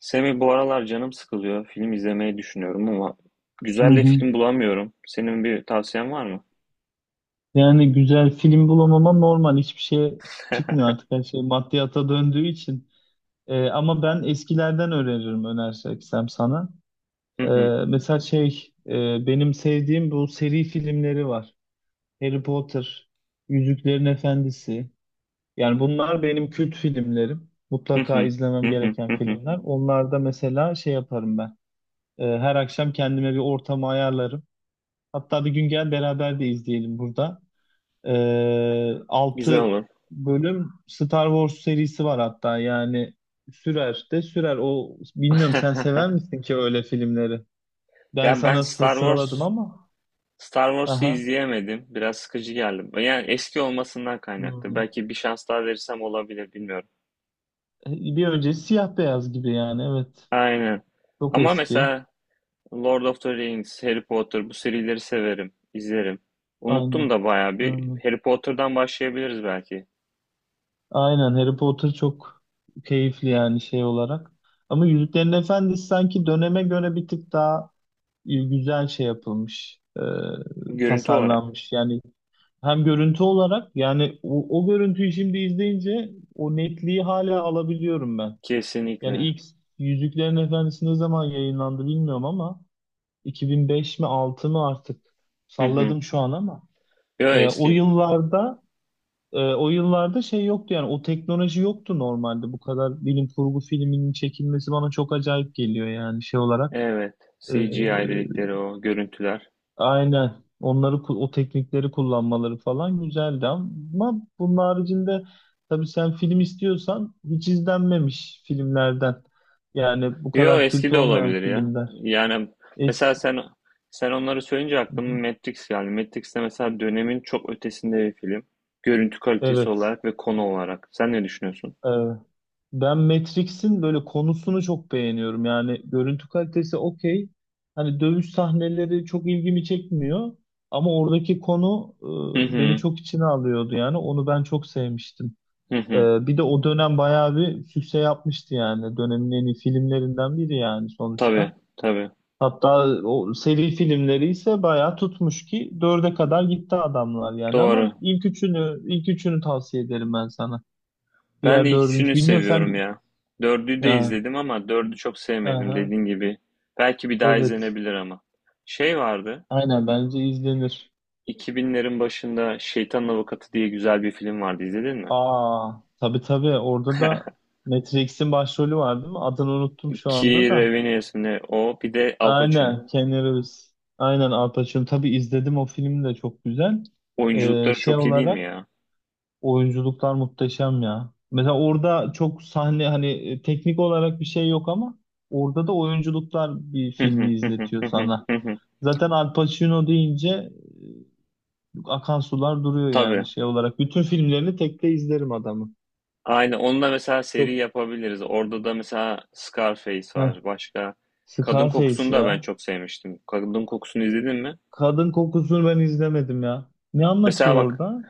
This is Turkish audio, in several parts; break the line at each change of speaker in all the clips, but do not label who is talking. Semih bu aralar canım sıkılıyor. Film izlemeyi düşünüyorum ama
Hı
güzel de
hı.
film bulamıyorum. Senin bir tavsiyen var mı?
Yani güzel film bulamama normal. Hiçbir şey çıkmıyor artık her şey maddiyata döndüğü için. Ama ben eskilerden öneririm önerseksem sana.
Hı
Ee,
hı,
mesela benim sevdiğim bu seri filmleri var. Harry Potter, Yüzüklerin Efendisi. Yani bunlar benim kült filmlerim.
hı
Mutlaka
hı,
izlemem
hı hı,
gereken
hı hı.
filmler. Onlarda mesela şey yaparım ben. Her akşam kendime bir ortamı ayarlarım. Hatta bir gün gel beraber de izleyelim burada.
Güzel
Altı
olur.
bölüm Star Wars serisi var hatta yani sürer de sürer. O bilmiyorum sen sever misin ki öyle filmleri? Ben
Ya ben
sana sıraladım ama.
Star Wars'u
Aha.
izleyemedim. Biraz sıkıcı geldi. Yani eski olmasından kaynaklı.
Hmm.
Belki bir şans daha verirsem olabilir bilmiyorum.
Bir öncesi siyah beyaz gibi yani evet.
Aynen.
Çok
Ama
eski.
mesela Lord of the Rings, Harry Potter bu serileri severim, izlerim. Unuttum
Aynen.
da bayağı bir.
Aynen.
Harry Potter'dan başlayabiliriz belki.
Aynen, Harry Potter çok keyifli yani şey olarak. Ama Yüzüklerin Efendisi sanki döneme göre bir tık daha güzel şey yapılmış.
Görüntü olarak.
Tasarlanmış. Yani hem görüntü olarak yani o görüntüyü şimdi izleyince o netliği hala alabiliyorum ben. Yani
Kesinlikle.
ilk Yüzüklerin Efendisi ne zaman yayınlandı bilmiyorum ama 2005 mi 6 mı artık
Hı hı.
salladım şu an ama
Yo
e, o
eski.
yıllarda o yıllarda şey yoktu yani o teknoloji yoktu, normalde bu kadar bilim kurgu filminin çekilmesi bana çok acayip geliyor yani şey olarak.
Evet.
e,
C G I dedikleri o görüntüler.
Aynen. Onları o teknikleri kullanmaları falan güzeldi, ama bunun haricinde tabii sen film istiyorsan hiç izlenmemiş filmlerden. Yani bu
Yo
kadar
eski
kült
de
olmayan
olabilir ya.
filmler.
Yani mesela
Eski.
sen onları söyleyince
Hı hı.
aklıma Matrix geldi. Matrix de mesela dönemin çok ötesinde bir film. Görüntü kalitesi
Evet.
olarak ve konu olarak. Sen ne düşünüyorsun?
Ee, Ben Matrix'in böyle konusunu çok beğeniyorum. Yani görüntü kalitesi okey. Hani dövüş sahneleri çok ilgimi çekmiyor ama oradaki konu
Hı
beni
hı.
çok içine alıyordu yani. Onu ben çok sevmiştim.
Hı hı.
Bir de o dönem bayağı bir sükse yapmıştı yani. Dönemin en iyi filmlerinden biri yani sonuçta.
Tabii, tabii.
Hatta o seri filmleri ise bayağı tutmuş ki dörde kadar gitti adamlar yani, ama
Doğru.
ilk üçünü ilk üçünü tavsiye ederim ben sana.
Ben de
Diğer dördüncü
ikisini
bilmiyorum
seviyorum
sen.
ya. Dördü de
Ha,
izledim ama dördü çok sevmedim
aha,
dediğin gibi. Belki bir daha
evet,
izlenebilir ama. Şey vardı.
aynen, bence izlenir.
2000'lerin başında Şeytanın Avukatı diye güzel bir film vardı, izledin mi?
Aa, tabii orada da Matrix'in başrolü var değil mi? Adını unuttum şu anda
Keira
da.
Revenues mi o, bir de Al Pacino.
Aynen Keanu Reeves. Aynen Al Pacino. Tabii izledim, o film de çok güzel.
Oyunculukları
Şey
çok iyi değil mi
olarak
ya?
Oyunculuklar muhteşem ya. Mesela orada çok sahne hani teknik olarak bir şey yok, ama orada da oyunculuklar bir filmi izletiyor sana. Zaten Al Pacino deyince akan sular duruyor
Tabii.
yani şey olarak. Bütün filmlerini tekte izlerim adamı.
Aynen. Onunla mesela seri
Çok.
yapabiliriz. Orada da mesela Scarface
Heh,
var. Başka Kadın Kokusu'nu
Scarface
da ben
ya.
çok sevmiştim. Kadın Kokusu'nu izledin mi?
Kadın kokusunu ben izlemedim ya. Ne
Mesela
anlatıyor
bak,
orada?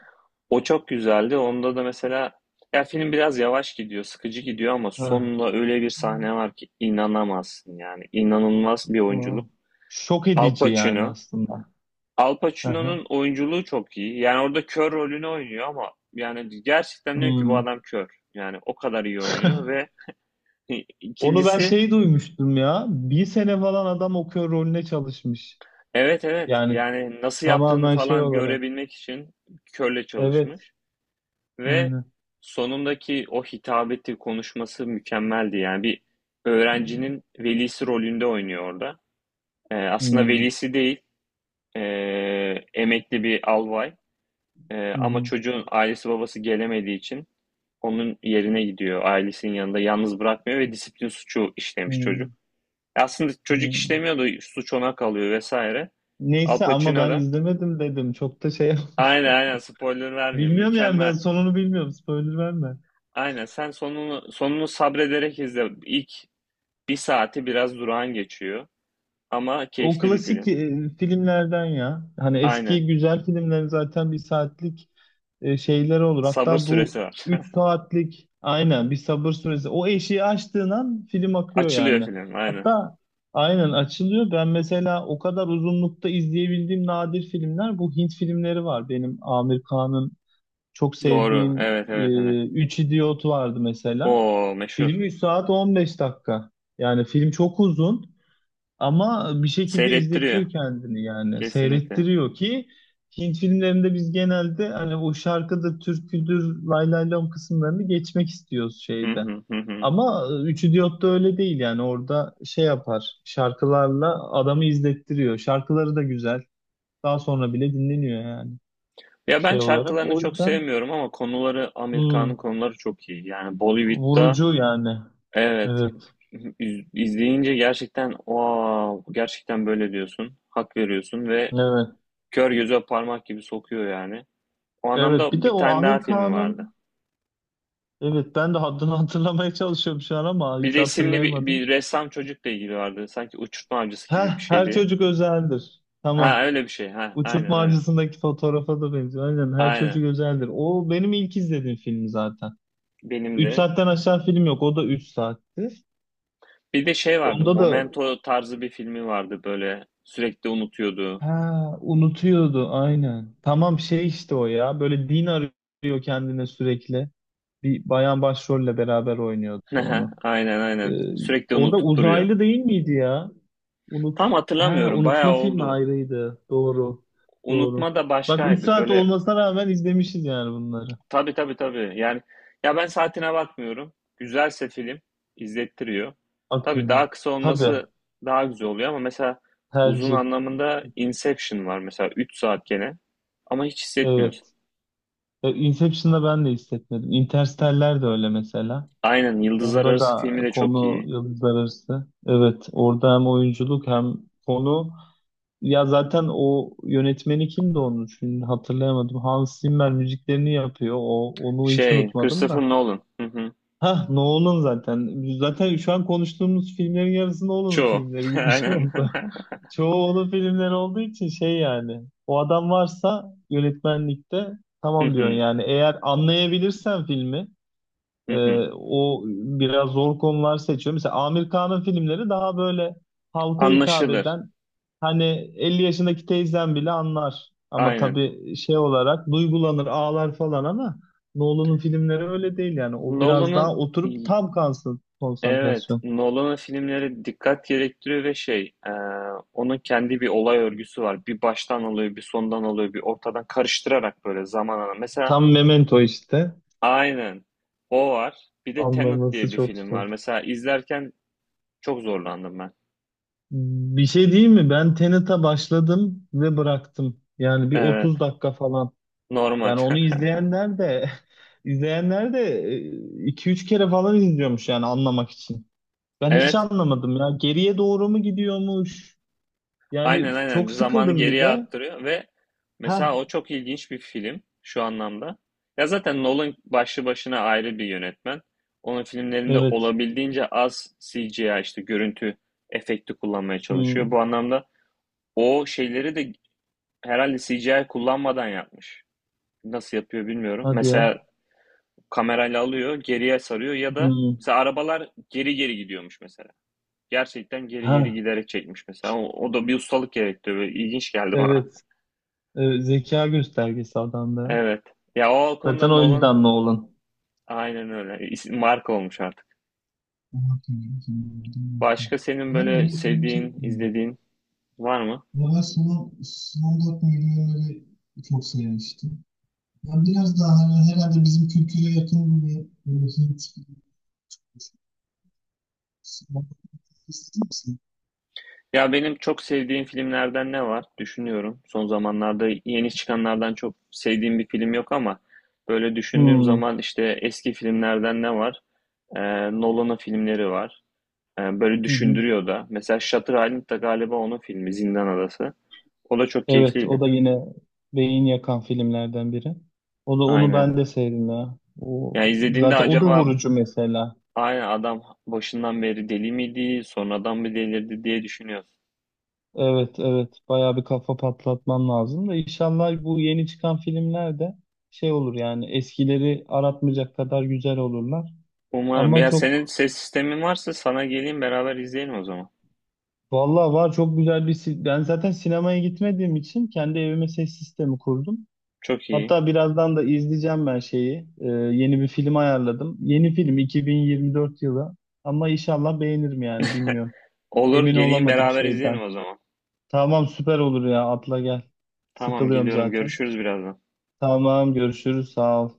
o çok güzeldi. Onda da mesela ya film biraz yavaş gidiyor, sıkıcı gidiyor ama sonunda öyle bir sahne
Heh.
var ki inanamazsın yani. İnanılmaz bir
Hı.
oyunculuk.
Şok
Al
edici yani
Pacino.
aslında.
Al
Hı hı.
Pacino'nun oyunculuğu çok iyi. Yani orada kör rolünü oynuyor ama yani gerçekten diyorum ki bu
Hmm.
adam kör. Yani o kadar iyi oynuyor ve
Onu ben
ikincisi
şey duymuştum ya. Bir sene falan adam okuyor rolüne çalışmış.
evet, evet,
Yani
yani nasıl yaptığını
tamamen şey
falan
olarak.
görebilmek için körle
Evet.
çalışmış ve
Aynen.
sonundaki o hitabeti konuşması mükemmeldi. Yani bir öğrencinin velisi rolünde oynuyor orada. Aslında
Hmm.
velisi değil, emekli bir albay. Ama
Hmm.
çocuğun ailesi babası gelemediği için onun yerine gidiyor. Ailesinin yanında yalnız bırakmıyor ve disiplin suçu işlemiş çocuk.
Hmm.
Aslında çocuk
Hmm.
işlemiyor da suç ona kalıyor vesaire. Al
Neyse ama
Pacino
ben
da
izlemedim dedim. Çok da şey.
aynen, aynen, spoiler vermiyorum.
Bilmiyorum yani ben
Mükemmel.
sonunu bilmiyorum. Spoiler verme.
Aynen sen sonunu sabrederek izle. İlk bir saati biraz durağan geçiyor ama
O
keyifli bir
klasik
film.
filmlerden ya. Hani
Aynen.
eski güzel filmlerin zaten bir saatlik şeyleri olur.
Sabır
Hatta bu
süresi var.
3 saatlik aynen bir sabır süresi. O eşiği aştığın an film akıyor
Açılıyor
yani.
film aynen.
Hatta aynen açılıyor. Ben mesela o kadar uzunlukta izleyebildiğim nadir filmler bu Hint filmleri var. Benim Amir Khan'ın çok
Doğru.
sevdiğim
Evet, evet, evet.
Üç İdiot vardı mesela.
O meşhur.
Film 3 saat 15 dakika. Yani film çok uzun. Ama bir şekilde
Seyrettiriyor
izletiyor kendini yani
kesinlikle.
seyrettiriyor ki Hint filmlerinde biz genelde hani o şarkıdır, türküdür, lay lay lom kısımlarını geçmek istiyoruz
Hı
şeyde.
hı, hı hı.
Ama Üç Diyot'ta öyle değil yani orada şey yapar şarkılarla adamı izlettiriyor. Şarkıları da güzel. Daha sonra bile dinleniyor yani
Ya ben
şey olarak.
şarkılarını
O
çok
yüzden
sevmiyorum ama konuları
hmm,
Amerikan'ın konuları çok iyi. Yani Bollywood'da
vurucu yani.
evet
Evet.
iz- izleyince gerçekten wow, gerçekten böyle diyorsun. Hak veriyorsun ve
Evet.
kör göze parmak gibi sokuyor yani. O
Evet. Bir
anlamda
de
bir
o
tane daha
Amir
filmi vardı.
Kağan'ın. Evet ben de haddini hatırlamaya çalışıyorum şu an ama
Bir
hiç
resimli bir,
hatırlayamadım.
bir ressam çocukla ilgili vardı. Sanki uçurtma avcısı gibi
Heh,
bir
her
şeydi.
çocuk özeldir.
Ha
Tamam.
öyle bir şey. Ha, aynen,
Uçurtma
aynen.
Avcısı'ndaki fotoğrafa da benziyor. Aynen her çocuk
Aynen.
özeldir. O benim ilk izlediğim film zaten.
Benim
3
de.
saatten aşağı film yok. O da 3 saatti.
Bir de şey vardı.
Onda da
Momento tarzı bir filmi vardı böyle. Sürekli unutuyordu.
ha, unutuyordu aynen. Tamam şey işte o ya. Böyle din arıyor kendine sürekli. Bir bayan başrolle beraber oynuyordu
Aha,
onu.
aynen,
Ee,
aynen. Sürekli
Orada
unutup duruyor.
uzaylı değil miydi ya? Unut.
Tam
Ha,
hatırlamıyorum. Bayağı
unutma filmi
oldu.
ayrıydı. Doğru. Doğru.
Unutma da
Bak 3
başkaydı.
saat
Böyle
olmasına rağmen izlemişiz yani bunları.
tabii, tabii, tabii. Yani ya ben saatine bakmıyorum. Güzelse film izlettiriyor. Tabii
Akıllı.
daha kısa
Tabii.
olması daha güzel oluyor ama mesela uzun
Tercih.
anlamında Inception var mesela, 3 saat gene ama hiç hissetmiyorsun.
Evet. Inception'da ben de hissetmedim. Interstellar de öyle mesela.
Aynen Yıldızlar
Onda
Arası
da
filmi de çok
konu
iyi.
yıldızlar arası. Evet. Orada hem oyunculuk hem konu. Ya zaten o yönetmeni kimdi onun? Şimdi hatırlayamadım. Hans Zimmer müziklerini yapıyor. Onu hiç
Şey
unutmadım
Christopher
da.
Nolan. Hı hı.
Ha, Nolan zaten. Zaten şu an konuştuğumuz filmlerin yarısı Nolan'ın
Çoğu.
filmleri gibi bir şey
Aynen.
oldu. Çoğu onun filmleri olduğu için şey yani. O adam varsa yönetmenlikte
Hı
tamam diyorsun
hı.
yani. Eğer anlayabilirsen filmi
Hı hı.
o biraz zor konular seçiyor. Mesela Amir Kağan'ın filmleri daha böyle halka hitap
Anlaşılır.
eden, hani 50 yaşındaki teyzem bile anlar. Ama
Aynen.
tabii şey olarak duygulanır, ağlar falan ama Nolan'ın filmleri öyle değil yani. O biraz
Nolan'ın
daha oturup tam kalsın
evet,
konsantrasyon.
Nolan'ın filmleri dikkat gerektiriyor ve şey onun kendi bir olay örgüsü var. Bir baştan alıyor, bir sondan alıyor, bir ortadan karıştırarak böyle zaman alan. Mesela
Tam Memento işte.
aynen o var. Bir de Tenet
Anlaması
diye bir
çok
film var.
zor.
Mesela izlerken çok zorlandım ben.
Bir şey değil mi? Ben Tenet'e başladım ve bıraktım. Yani bir
Evet,
30 dakika falan.
normal.
Yani onu izleyenler de izleyenler de 2-3 kere falan izliyormuş yani anlamak için. Ben hiç
Evet.
anlamadım ya. Geriye doğru mu gidiyormuş? Yani
Aynen, aynen,
çok
zamanı
sıkıldım bir
geriye
de.
aktarıyor ve mesela
Ha,
o çok ilginç bir film şu anlamda. Ya zaten Nolan başlı başına ayrı bir yönetmen. Onun filmlerinde
evet.
olabildiğince az CGI işte görüntü efekti kullanmaya çalışıyor. Bu
Hmm,
anlamda o şeyleri de herhalde CGI kullanmadan yapmış. Nasıl yapıyor bilmiyorum.
hadi ya.
Mesela kamerayla alıyor, geriye sarıyor ya da
Hmm,
mesela arabalar geri geri gidiyormuş mesela. Gerçekten geri geri
ha,
giderek çekmiş mesela. O, o da bir ustalık gerektiriyor. Böyle İlginç geldi bana.
evet. Evet, zeka göstergesi adamda.
Evet. Ya o konuda
Zaten o
Nolan
yüzden Nolan.
aynen öyle. İsim- Marka olmuş artık. Başka senin
Ben
böyle
yeni film
sevdiğin,
çekmiyorum.
izlediğin var mı?
Ama ben Slumdog Millionaire'i çok sevmiştim. Ya biraz daha hani herhalde bizim kültüre yakın bir böyle Hint gibi ister misin?
Ya benim çok sevdiğim filmlerden ne var? Düşünüyorum. Son zamanlarda yeni çıkanlardan çok sevdiğim bir film yok ama böyle düşündüğüm
Hmm,
zaman işte eski filmlerden ne var? Nolan'ın filmleri var. Böyle
hı hı.
düşündürüyor da. Mesela Shutter Island da galiba onun filmi, Zindan Adası. O da çok
Evet, o
keyifliydi.
da yine beyin yakan filmlerden biri. O da onu
Aynen.
ben de sevdim ya. O
Ya izlediğinde
zaten o da
acaba
vurucu mesela.
aynen adam başından beri deli miydi, sonradan mı delirdi diye düşünüyorsun.
Evet, evet. Bayağı bir kafa patlatman lazım da inşallah bu yeni çıkan filmler de şey olur yani eskileri aratmayacak kadar güzel olurlar.
Umarım.
Ama
Ya senin
çok
ses sistemin varsa sana geleyim, beraber izleyelim o zaman.
vallahi var çok güzel bir ben zaten sinemaya gitmediğim için kendi evime ses sistemi kurdum.
Çok iyi.
Hatta birazdan da izleyeceğim ben şeyi. Yeni bir film ayarladım. Yeni film 2024 yılı ama inşallah beğenirim yani bilmiyorum.
Olur,
Emin
geleyim,
olamadım
beraber
şeyden.
izleyelim o zaman.
Tamam süper olur ya atla gel.
Tamam,
Sıkılıyorum
geliyorum.
zaten.
Görüşürüz birazdan.
Tamam görüşürüz sağ ol.